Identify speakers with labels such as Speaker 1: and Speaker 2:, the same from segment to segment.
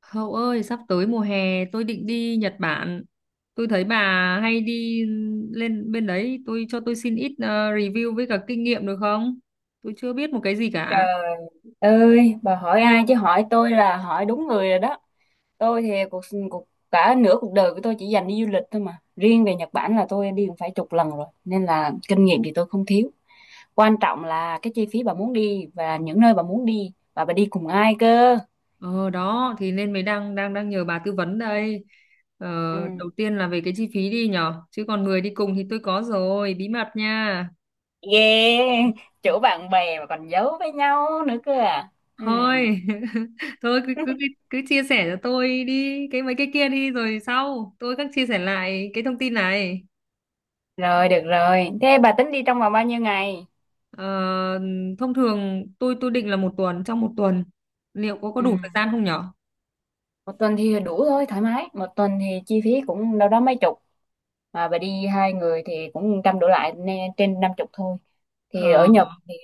Speaker 1: Hậu ơi, sắp tới mùa hè tôi định đi Nhật Bản. Tôi thấy bà hay đi lên bên đấy, tôi cho tôi xin ít review với cả kinh nghiệm được không? Tôi chưa biết một cái gì cả.
Speaker 2: Trời ơi, bà hỏi ai chứ hỏi tôi là hỏi đúng người rồi đó. Tôi thì cuộc cuộc cả nửa cuộc đời của tôi chỉ dành đi du lịch thôi, mà riêng về Nhật Bản là tôi đi cũng phải chục lần rồi, nên là kinh nghiệm thì tôi không thiếu. Quan trọng là cái chi phí bà muốn đi, và những nơi bà muốn đi, và bà đi cùng ai cơ.
Speaker 1: Ờ đó thì nên mới đang đang đang nhờ bà tư vấn đây. Ờ,
Speaker 2: Ừ.
Speaker 1: đầu tiên là về cái chi phí đi nhở, chứ còn người đi cùng thì tôi có rồi, bí mật nha.
Speaker 2: Ghê, chỗ bạn bè mà còn giấu với nhau nữa cơ à. Ừ.
Speaker 1: Thôi, thôi cứ, cứ cứ cứ chia sẻ cho tôi đi cái mấy cái kia đi rồi sau tôi các chia sẻ lại cái thông tin này.
Speaker 2: Rồi, được rồi, thế bà tính đi trong vòng bao nhiêu ngày?
Speaker 1: Ờ, thông thường tôi định là một tuần, trong một tuần liệu có
Speaker 2: Ừ.
Speaker 1: đủ thời gian không nhở?
Speaker 2: Một tuần thì đủ thôi, thoải mái. Một tuần thì chi phí cũng đâu đó mấy chục, mà bà đi hai người thì cũng trăm đổ lại, nên trên năm chục thôi.
Speaker 1: Ờ,
Speaker 2: Thì ở Nhật thì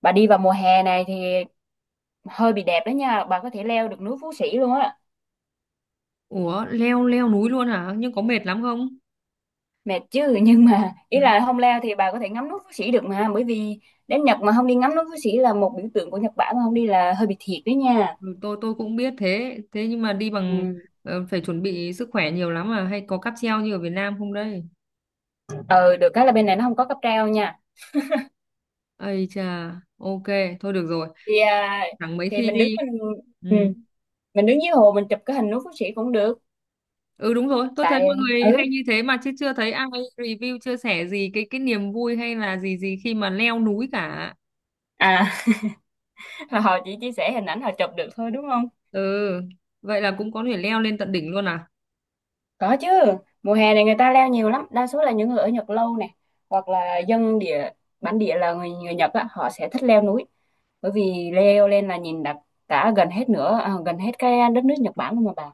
Speaker 2: bà đi vào mùa hè này thì hơi bị đẹp đó nha, bà có thể leo được núi Phú Sĩ luôn á.
Speaker 1: ủa, leo leo núi luôn hả? Nhưng có mệt lắm không?
Speaker 2: Mệt chứ, nhưng mà ý là không leo thì bà có thể ngắm núi Phú Sĩ được. Mà bởi vì đến Nhật mà không đi ngắm núi Phú Sĩ là một biểu tượng của Nhật Bản, mà không đi là hơi bị thiệt đấy nha.
Speaker 1: Ừ, tôi cũng biết thế thế nhưng mà đi
Speaker 2: Ừ.
Speaker 1: bằng phải chuẩn bị sức khỏe nhiều lắm à, hay có cáp treo như ở Việt Nam không đây?
Speaker 2: Ừ, được cái là bên này nó không có cáp treo nha.
Speaker 1: Ây chà, ok, thôi được rồi,
Speaker 2: Thì à,
Speaker 1: chẳng mấy
Speaker 2: thì
Speaker 1: khi
Speaker 2: mình đứng
Speaker 1: đi.
Speaker 2: mình. Ừ.
Speaker 1: Ừ.
Speaker 2: Mình đứng dưới hồ mình chụp cái hình núi Phú Sĩ cũng được.
Speaker 1: Ừ, đúng rồi, tôi thấy
Speaker 2: Tại,
Speaker 1: mọi người
Speaker 2: ừ
Speaker 1: hay như thế mà chứ chưa thấy ai review chia sẻ gì cái niềm vui hay là gì gì khi mà leo núi cả.
Speaker 2: à. Họ chỉ chia sẻ hình ảnh họ chụp được thôi, đúng không?
Speaker 1: Ừ, vậy là cũng có thể leo lên tận đỉnh luôn à?
Speaker 2: Có chứ, mùa hè này người ta leo nhiều lắm. Đa số là những người ở Nhật lâu này, hoặc là dân địa, bản địa, là người người Nhật á, họ sẽ thích leo núi. Bởi vì leo lên là nhìn đặc cả gần hết nữa à, gần hết cái đất nước Nhật Bản luôn mà bà.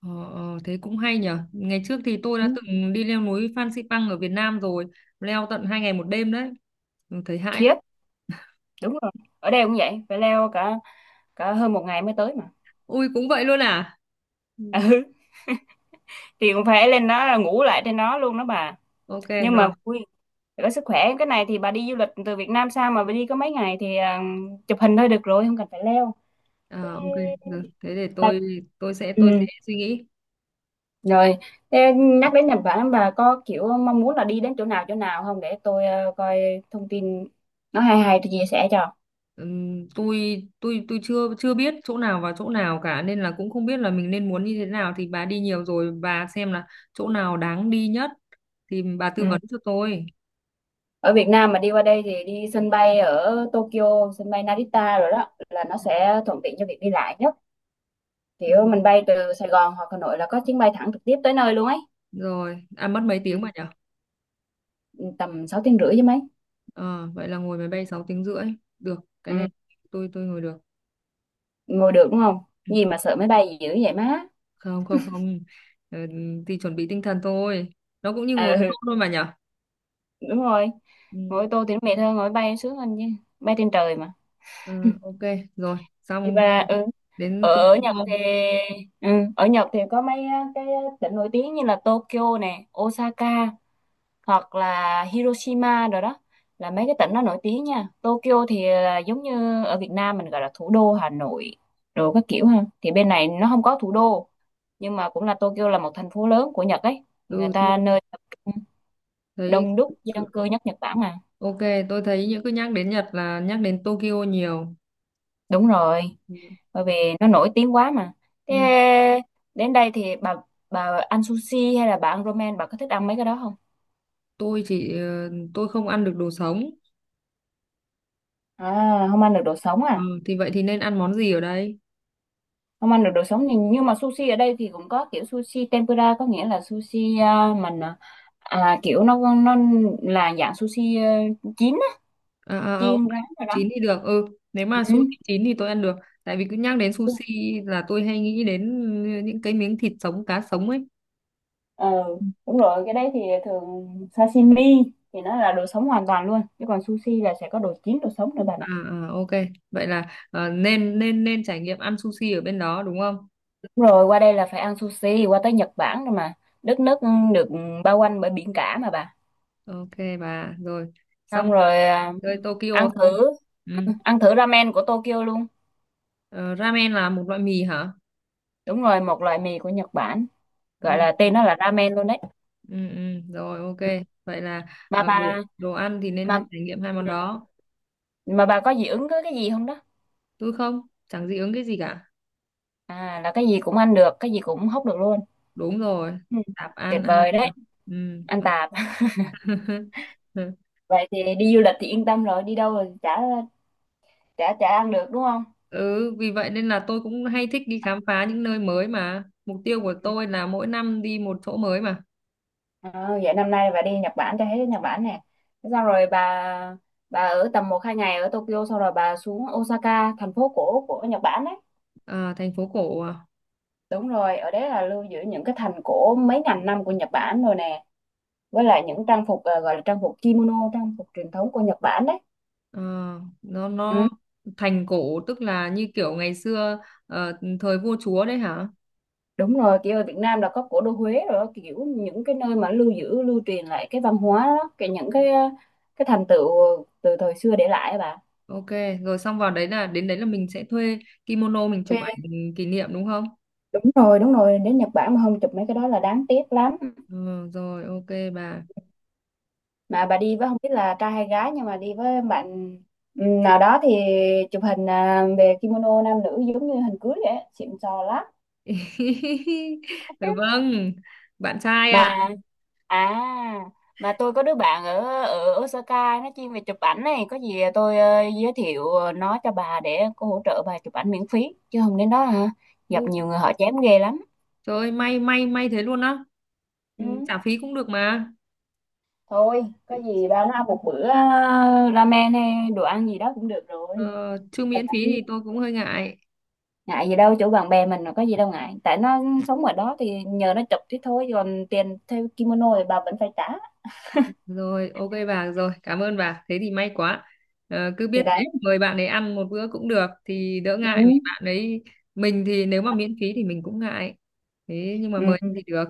Speaker 1: Ờ, ờ, thế cũng hay nhở. Ngày trước thì tôi
Speaker 2: Ừ.
Speaker 1: đã từng đi leo núi Phan Xipang ở Việt Nam rồi, leo tận 2 ngày một đêm đấy. Ừ, thấy hãi lắm.
Speaker 2: Khiếp, đúng rồi, ở đây cũng vậy, phải leo cả cả hơn một ngày mới tới mà.
Speaker 1: Ui, cũng vậy luôn à? Ừ,
Speaker 2: Ừ, thì cũng phải lên đó là ngủ lại trên đó luôn đó bà.
Speaker 1: ok
Speaker 2: Nhưng mà
Speaker 1: rồi.
Speaker 2: vui. Để có sức khỏe cái này thì bà đi du lịch từ Việt Nam sang mà bà đi có mấy ngày thì à, chụp hình thôi được rồi, không cần phải leo. Thế
Speaker 1: Ờ, ok, được. Thế để
Speaker 2: bà...
Speaker 1: tôi sẽ
Speaker 2: Ừ.
Speaker 1: suy nghĩ.
Speaker 2: Rồi. Thế nhắc đến Nhật Bản, bà có kiểu mong muốn là đi đến chỗ nào không để tôi ờ, coi thông tin nó hay hay tôi chia sẻ cho.
Speaker 1: Tôi tôi chưa chưa biết chỗ nào và chỗ nào cả, nên là cũng không biết là mình nên muốn như thế nào, thì bà đi nhiều rồi bà xem là chỗ nào đáng đi nhất thì bà tư
Speaker 2: Ừ.
Speaker 1: vấn cho tôi.
Speaker 2: Ở Việt Nam mà đi qua đây thì đi sân bay ở Tokyo, sân bay Narita rồi đó, là nó sẽ thuận tiện cho việc đi lại nhất. Kiểu mình bay từ Sài Gòn hoặc Hà Nội là có chuyến bay thẳng trực tiếp tới nơi luôn ấy.
Speaker 1: Rồi à, mất mấy tiếng mà nhở?
Speaker 2: Ừ. Tầm 6 tiếng rưỡi chứ mấy.
Speaker 1: Ờ, vậy là ngồi máy bay 6 tiếng rưỡi được, cái
Speaker 2: Ừ.
Speaker 1: này tôi ngồi được.
Speaker 2: Ngồi được đúng không?
Speaker 1: Ừ,
Speaker 2: Gì mà sợ máy bay dữ vậy má.
Speaker 1: không, không, không. Ờ, thì chuẩn bị tinh thần thôi, nó cũng như ngồi ô tô
Speaker 2: Ừ.
Speaker 1: thôi mà nhở.
Speaker 2: Đúng rồi,
Speaker 1: Ừ,
Speaker 2: ngồi ô tô thì nó mệt hơn, ngồi bay sướng hơn chứ, bay trên trời mà.
Speaker 1: ờ, ok rồi,
Speaker 2: Thì
Speaker 1: xong
Speaker 2: bà, ừ. ở,
Speaker 1: đến
Speaker 2: ở Nhật
Speaker 1: Tokyo.
Speaker 2: thì, ừ, ở Nhật thì có mấy á, cái tỉnh nổi tiếng như là Tokyo nè, Osaka, hoặc là Hiroshima rồi đó, là mấy cái tỉnh nó nổi tiếng nha. Tokyo thì là giống như ở Việt Nam mình gọi là thủ đô Hà Nội rồi các kiểu ha, thì bên này nó không có thủ đô, nhưng mà cũng là Tokyo là một thành phố lớn của Nhật ấy. Thì người
Speaker 1: Ừ, tôi
Speaker 2: ta nơi
Speaker 1: thấy
Speaker 2: đông đúc dân
Speaker 1: cứ-
Speaker 2: cư nhất Nhật Bản mà.
Speaker 1: ok, tôi thấy những cứ nhắc đến Nhật là nhắc đến Tokyo nhiều.
Speaker 2: Đúng rồi,
Speaker 1: Ừ.
Speaker 2: bởi vì nó nổi tiếng quá mà. Thế
Speaker 1: Ừ,
Speaker 2: đến đây thì bà ăn sushi hay là bà ăn ramen, bà có thích ăn mấy cái đó không?
Speaker 1: tôi không ăn được đồ sống.
Speaker 2: À không ăn được đồ sống à?
Speaker 1: Ừ, thì vậy thì nên ăn món gì ở đây?
Speaker 2: Không ăn được đồ sống thì, nhưng mà sushi ở đây thì cũng có kiểu sushi tempura, có nghĩa là sushi à, mình à, à, kiểu nó là dạng sushi à, chín á,
Speaker 1: À, à, à, ok,
Speaker 2: chiên rán rồi đó.
Speaker 1: chín thì được. Ừ, nếu mà sushi
Speaker 2: Ừ.
Speaker 1: chín thì tôi ăn được. Tại vì cứ nhắc đến sushi là tôi hay nghĩ đến những cái miếng thịt sống, cá sống ấy.
Speaker 2: Ờ
Speaker 1: Ừ.
Speaker 2: đúng rồi, cái đấy thì thường sashimi thì nó là đồ sống hoàn toàn luôn, chứ còn sushi là sẽ có đồ chín đồ sống nữa bạn ạ.
Speaker 1: À, à, ok. Vậy là nên nên nên trải nghiệm ăn sushi ở bên đó đúng không?
Speaker 2: Đúng rồi, qua đây là phải ăn sushi, qua tới Nhật Bản rồi mà, đất nước được bao quanh bởi biển cả mà bà.
Speaker 1: Ok bà, rồi. Xong
Speaker 2: Xong rồi à,
Speaker 1: rồi, Tokyo
Speaker 2: ăn
Speaker 1: xong.
Speaker 2: thử,
Speaker 1: Ừ.
Speaker 2: ăn thử ramen của Tokyo luôn.
Speaker 1: Ờ, ramen là một loại mì hả?
Speaker 2: Đúng rồi, một loại mì của Nhật Bản, gọi
Speaker 1: Ừ,
Speaker 2: là tên nó là ramen luôn đấy.
Speaker 1: ừ, ừ. Rồi, ok. Vậy là
Speaker 2: Mà bà,
Speaker 1: đồ đồ ăn thì nên
Speaker 2: mà
Speaker 1: trải nghiệm hai món đó.
Speaker 2: mà bà có dị ứng với cái gì không đó?
Speaker 1: Tôi không, chẳng dị ứng cái gì cả.
Speaker 2: À, là cái gì cũng ăn được, cái gì cũng hóc được luôn.
Speaker 1: Đúng rồi,
Speaker 2: Ừ.
Speaker 1: tạp
Speaker 2: Tuyệt
Speaker 1: ăn, ăn
Speaker 2: vời đấy.
Speaker 1: tạp. Ừ.
Speaker 2: Ăn
Speaker 1: mà-
Speaker 2: Tài. Vậy thì đi du lịch thì yên tâm rồi, đi đâu rồi chả chả chả ăn được đúng không?
Speaker 1: ừ, vì vậy nên là tôi cũng hay thích đi khám phá những nơi mới, mà mục tiêu của tôi là mỗi năm đi một chỗ mới mà.
Speaker 2: Ờ, vậy năm nay bà đi Nhật Bản cho hết Nhật Bản nè. Thế xong rồi bà ở tầm một hai ngày ở Tokyo, xong rồi bà xuống Osaka, thành phố cổ của Nhật Bản đấy.
Speaker 1: À, thành phố cổ à?
Speaker 2: Đúng rồi, ở đấy là lưu giữ những cái thành cổ mấy ngàn năm của Nhật Bản rồi nè, với lại những trang phục ờ, gọi là trang phục kimono, trang phục truyền thống của Nhật Bản đấy.
Speaker 1: Ờ, nó
Speaker 2: Ừ.
Speaker 1: nó thành cổ tức là như kiểu ngày xưa, ờ, thời vua chúa đấy hả?
Speaker 2: Đúng rồi, kiểu ở Việt Nam là có cổ đô Huế rồi đó, kiểu những cái nơi mà lưu giữ, lưu truyền lại cái văn hóa đó, cái những cái thành tựu từ thời xưa để lại á bà.
Speaker 1: Ok rồi, xong vào đấy là đến đấy là mình sẽ thuê kimono, mình chụp
Speaker 2: Thuê.
Speaker 1: ảnh, mình kỷ niệm đúng không?
Speaker 2: Đúng rồi, đến Nhật Bản mà không chụp mấy cái đó là đáng tiếc lắm.
Speaker 1: Ừ, rồi ok bà.
Speaker 2: Mà bà đi với không biết là trai hay gái, nhưng mà đi với bạn ừ, nào đó thì chụp hình à, về kimono nam nữ giống như hình cưới vậy á, xịn sò lắm.
Speaker 1: Dạ vâng, bạn trai ạ.
Speaker 2: Mà, à, mà tôi có đứa bạn ở ở Osaka, nó chuyên về chụp ảnh này, có gì tôi ờ, giới thiệu ờ, nó cho bà để cô hỗ trợ bà chụp ảnh miễn phí, chứ không đến đó hả? Gặp
Speaker 1: Ừ.
Speaker 2: nhiều người họ chém ghê lắm.
Speaker 1: Trời ơi, may may may thế luôn á. Ừ,
Speaker 2: Ừ,
Speaker 1: trả phí cũng được mà.
Speaker 2: thôi, có gì bà nó ăn một bữa ờ, ramen hay đồ ăn gì đó cũng được rồi.
Speaker 1: Ờ, chứ
Speaker 2: Là
Speaker 1: miễn
Speaker 2: tại
Speaker 1: phí
Speaker 2: chứ,
Speaker 1: thì tôi cũng hơi ngại.
Speaker 2: ngại gì đâu, chỗ bạn bè mình mà có gì đâu ngại. Tại nó sống ở đó thì nhờ nó chụp thế thôi, còn tiền theo kimono thì bà vẫn phải trả.
Speaker 1: Rồi, ok bà, rồi, cảm ơn bà. Thế thì may quá. Ờ, cứ biết
Speaker 2: Thì
Speaker 1: thế,
Speaker 2: đấy.
Speaker 1: mời bạn ấy ăn một bữa cũng được thì đỡ
Speaker 2: Ừ.
Speaker 1: ngại, vì bạn ấy mình thì nếu mà miễn phí thì mình cũng ngại. Thế nhưng mà mời
Speaker 2: Ừ.
Speaker 1: thì được.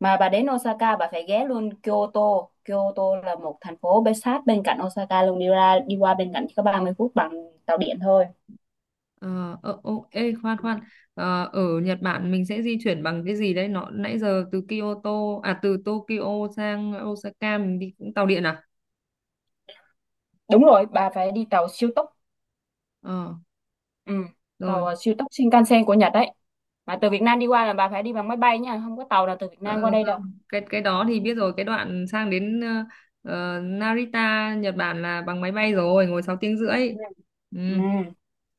Speaker 2: Mà bà đến Osaka bà phải ghé luôn Kyoto. Kyoto là một thành phố bên sát bên cạnh Osaka luôn, đi ra đi qua bên cạnh chỉ có 30 phút bằng tàu điện thôi.
Speaker 1: Ờ, ờ, ô, ê, khoan khoan. Ờ, ở Nhật Bản mình sẽ di chuyển bằng cái gì đấy, nó nãy giờ từ Kyoto, à, từ Tokyo sang Osaka mình đi cũng tàu điện à?
Speaker 2: Đúng rồi, bà phải đi tàu siêu tốc.
Speaker 1: Ờ
Speaker 2: Ừ,
Speaker 1: rồi.
Speaker 2: tàu ờ, siêu tốc Shinkansen của Nhật đấy. Mà từ Việt Nam đi qua là bà phải đi bằng máy bay nha, không có tàu nào từ Việt Nam qua
Speaker 1: Ờ,
Speaker 2: đây đâu.
Speaker 1: không, cái đó thì biết rồi, cái đoạn sang đến Narita Nhật Bản là bằng máy bay rồi, ngồi 6 tiếng rưỡi. Ừ,
Speaker 2: Ừ.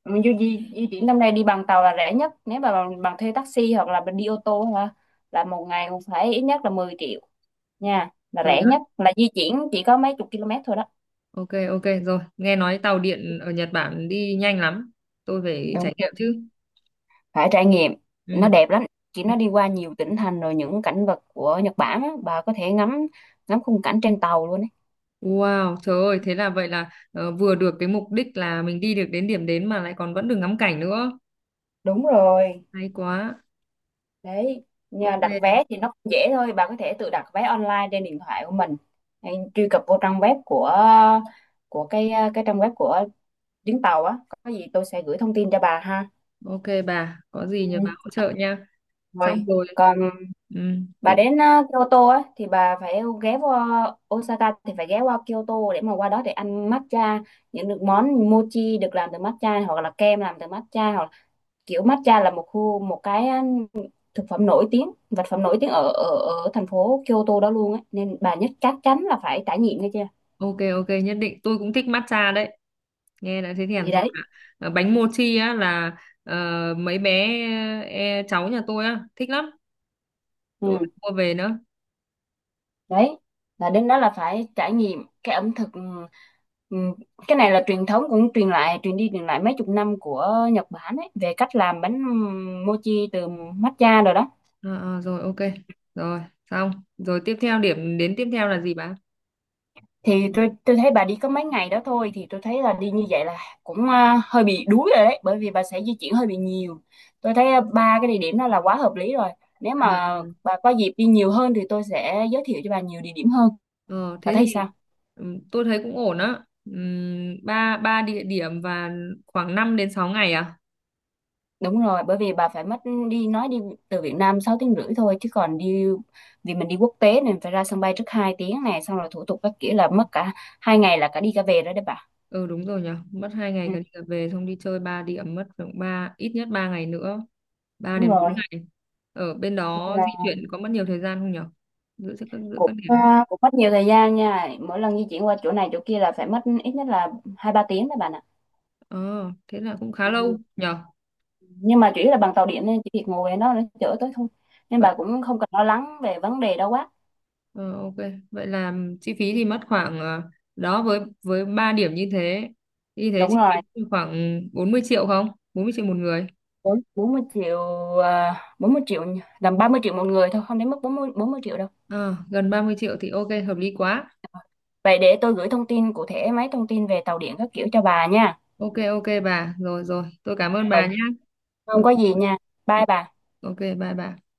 Speaker 2: Mình di, di di chuyển năm nay đi bằng tàu là rẻ nhất. Nếu mà bằng thuê taxi hoặc là đi ô tô hả? Là một ngày cũng phải ít nhất là 10 triệu nha, là
Speaker 1: rồi
Speaker 2: rẻ
Speaker 1: đó,
Speaker 2: nhất là di chuyển chỉ có mấy chục km thôi đó.
Speaker 1: ok, ok rồi, nghe nói tàu điện ở Nhật Bản đi nhanh lắm, tôi phải
Speaker 2: Đúng,
Speaker 1: trải nghiệm chứ.
Speaker 2: phải trải nghiệm,
Speaker 1: Ừ.
Speaker 2: nó đẹp lắm. Chị
Speaker 1: Ừ.
Speaker 2: nó đi qua nhiều tỉnh thành rồi, những cảnh vật của Nhật Bản á, bà có thể ngắm ngắm khung cảnh trên tàu luôn ấy.
Speaker 1: Wow, trời ơi, thế là vậy là vừa được cái mục đích là mình đi được đến điểm đến mà lại còn vẫn được ngắm cảnh nữa.
Speaker 2: Đúng rồi
Speaker 1: Hay quá.
Speaker 2: đấy. Nhà
Speaker 1: Ok
Speaker 2: đặt vé thì nó cũng dễ thôi, bà có thể tự đặt vé online trên điện thoại của mình, hay truy cập vô trang web của cái trang web của chuyến tàu á. Có gì tôi sẽ gửi thông tin cho bà ha.
Speaker 1: ok bà, có gì
Speaker 2: Ừ,
Speaker 1: nhờ bà hỗ trợ nha. Xong
Speaker 2: rồi.
Speaker 1: rồi.
Speaker 2: Còn bà
Speaker 1: Ừ.
Speaker 2: đến ờ, Kyoto á thì bà phải ghé qua Osaka thì phải ghé qua Kyoto để mà qua đó để ăn matcha, những được món mochi được làm từ matcha, hoặc là kem làm từ matcha, hoặc là kiểu matcha là một khu, một cái ờ, thực phẩm nổi tiếng, vật phẩm nổi tiếng ở ở ở thành phố Kyoto đó luôn á, nên bà nhất chắc chắn là phải trải nghiệm nghe chưa.
Speaker 1: Ok ok, nhất định, tôi cũng thích matcha đấy, nghe đã thấy thèm
Speaker 2: Gì
Speaker 1: rồi
Speaker 2: đấy.
Speaker 1: ạ. Ờ, bánh mochi á là ờ, mấy bé cháu nhà tôi á thích lắm, tôi
Speaker 2: Ừ
Speaker 1: phải mua về nữa.
Speaker 2: đấy, là đến đó là phải trải nghiệm cái ẩm thực cái này là truyền thống cũng truyền lại, truyền đi truyền lại mấy chục năm của Nhật Bản ấy, về cách làm bánh mochi từ matcha rồi đó.
Speaker 1: Ờ, ờ, rồi ok, rồi xong rồi, tiếp theo điểm đến tiếp theo là gì bà?
Speaker 2: Thì tôi thấy bà đi có mấy ngày đó thôi thì tôi thấy là đi như vậy là cũng à, hơi bị đuối rồi đấy, bởi vì bà sẽ di chuyển hơi bị nhiều. Tôi thấy à, ba cái địa điểm đó là quá hợp lý rồi. Nếu
Speaker 1: À,
Speaker 2: mà
Speaker 1: ừ.
Speaker 2: bà có dịp đi nhiều hơn thì tôi sẽ giới thiệu cho bà nhiều địa điểm hơn.
Speaker 1: Ờ,
Speaker 2: Bà
Speaker 1: thế
Speaker 2: thấy
Speaker 1: thì
Speaker 2: sao?
Speaker 1: tôi thấy cũng ổn á. Ba ba địa điểm và khoảng 5 đến 6 ngày à?
Speaker 2: Đúng rồi, bởi vì bà phải mất đi nói đi từ Việt Nam 6 tiếng rưỡi thôi chứ còn đi, vì mình đi quốc tế nên phải ra sân bay trước 2 tiếng này, xong rồi thủ tục các kiểu là mất cả hai ngày là cả đi cả về rồi đấy bà.
Speaker 1: Ừ đúng rồi nhỉ, mất 2 ngày
Speaker 2: Ừ,
Speaker 1: cả đi cả về, xong đi chơi 3 điểm mất khoảng ít nhất 3 ngày nữa, ba
Speaker 2: đúng
Speaker 1: đến bốn
Speaker 2: rồi,
Speaker 1: ngày. Ở bên
Speaker 2: nên
Speaker 1: đó di
Speaker 2: là
Speaker 1: chuyển có mất nhiều thời gian không nhỉ? Giữa giữa
Speaker 2: cũng
Speaker 1: các điểm.
Speaker 2: à, cũng mất nhiều thời gian nha. Mỗi lần di chuyển qua chỗ này chỗ kia là phải mất ít nhất là 2 3 tiếng đấy bạn ạ.
Speaker 1: Ờ, thế là cũng khá lâu
Speaker 2: Ừ.
Speaker 1: nhỉ.
Speaker 2: Nhưng mà chủ yếu là bằng tàu điện, nên chỉ việc ngồi ở đó nó chở tới thôi. Nên
Speaker 1: Vậy
Speaker 2: bà cũng không cần lo lắng về vấn đề đâu quá.
Speaker 1: ờ, ok, vậy là chi phí thì mất khoảng đó, với 3 điểm như thế. Như thế
Speaker 2: Đúng
Speaker 1: chi
Speaker 2: rồi.
Speaker 1: phí thì khoảng 40 triệu không? 40 triệu một người.
Speaker 2: 40 triệu à, 40 triệu làm 30 triệu một người thôi, không đến mức bốn mươi triệu đâu.
Speaker 1: Ờ, gần 30 triệu thì ok, hợp lý quá.
Speaker 2: Vậy để tôi gửi thông tin cụ thể mấy thông tin về tàu điện các kiểu cho bà nha.
Speaker 1: Ok ok bà, rồi rồi, tôi cảm ơn bà
Speaker 2: Rồi,
Speaker 1: nhá.
Speaker 2: không
Speaker 1: Có.
Speaker 2: có gì nha. Bye bà.
Speaker 1: Ok, bye bye.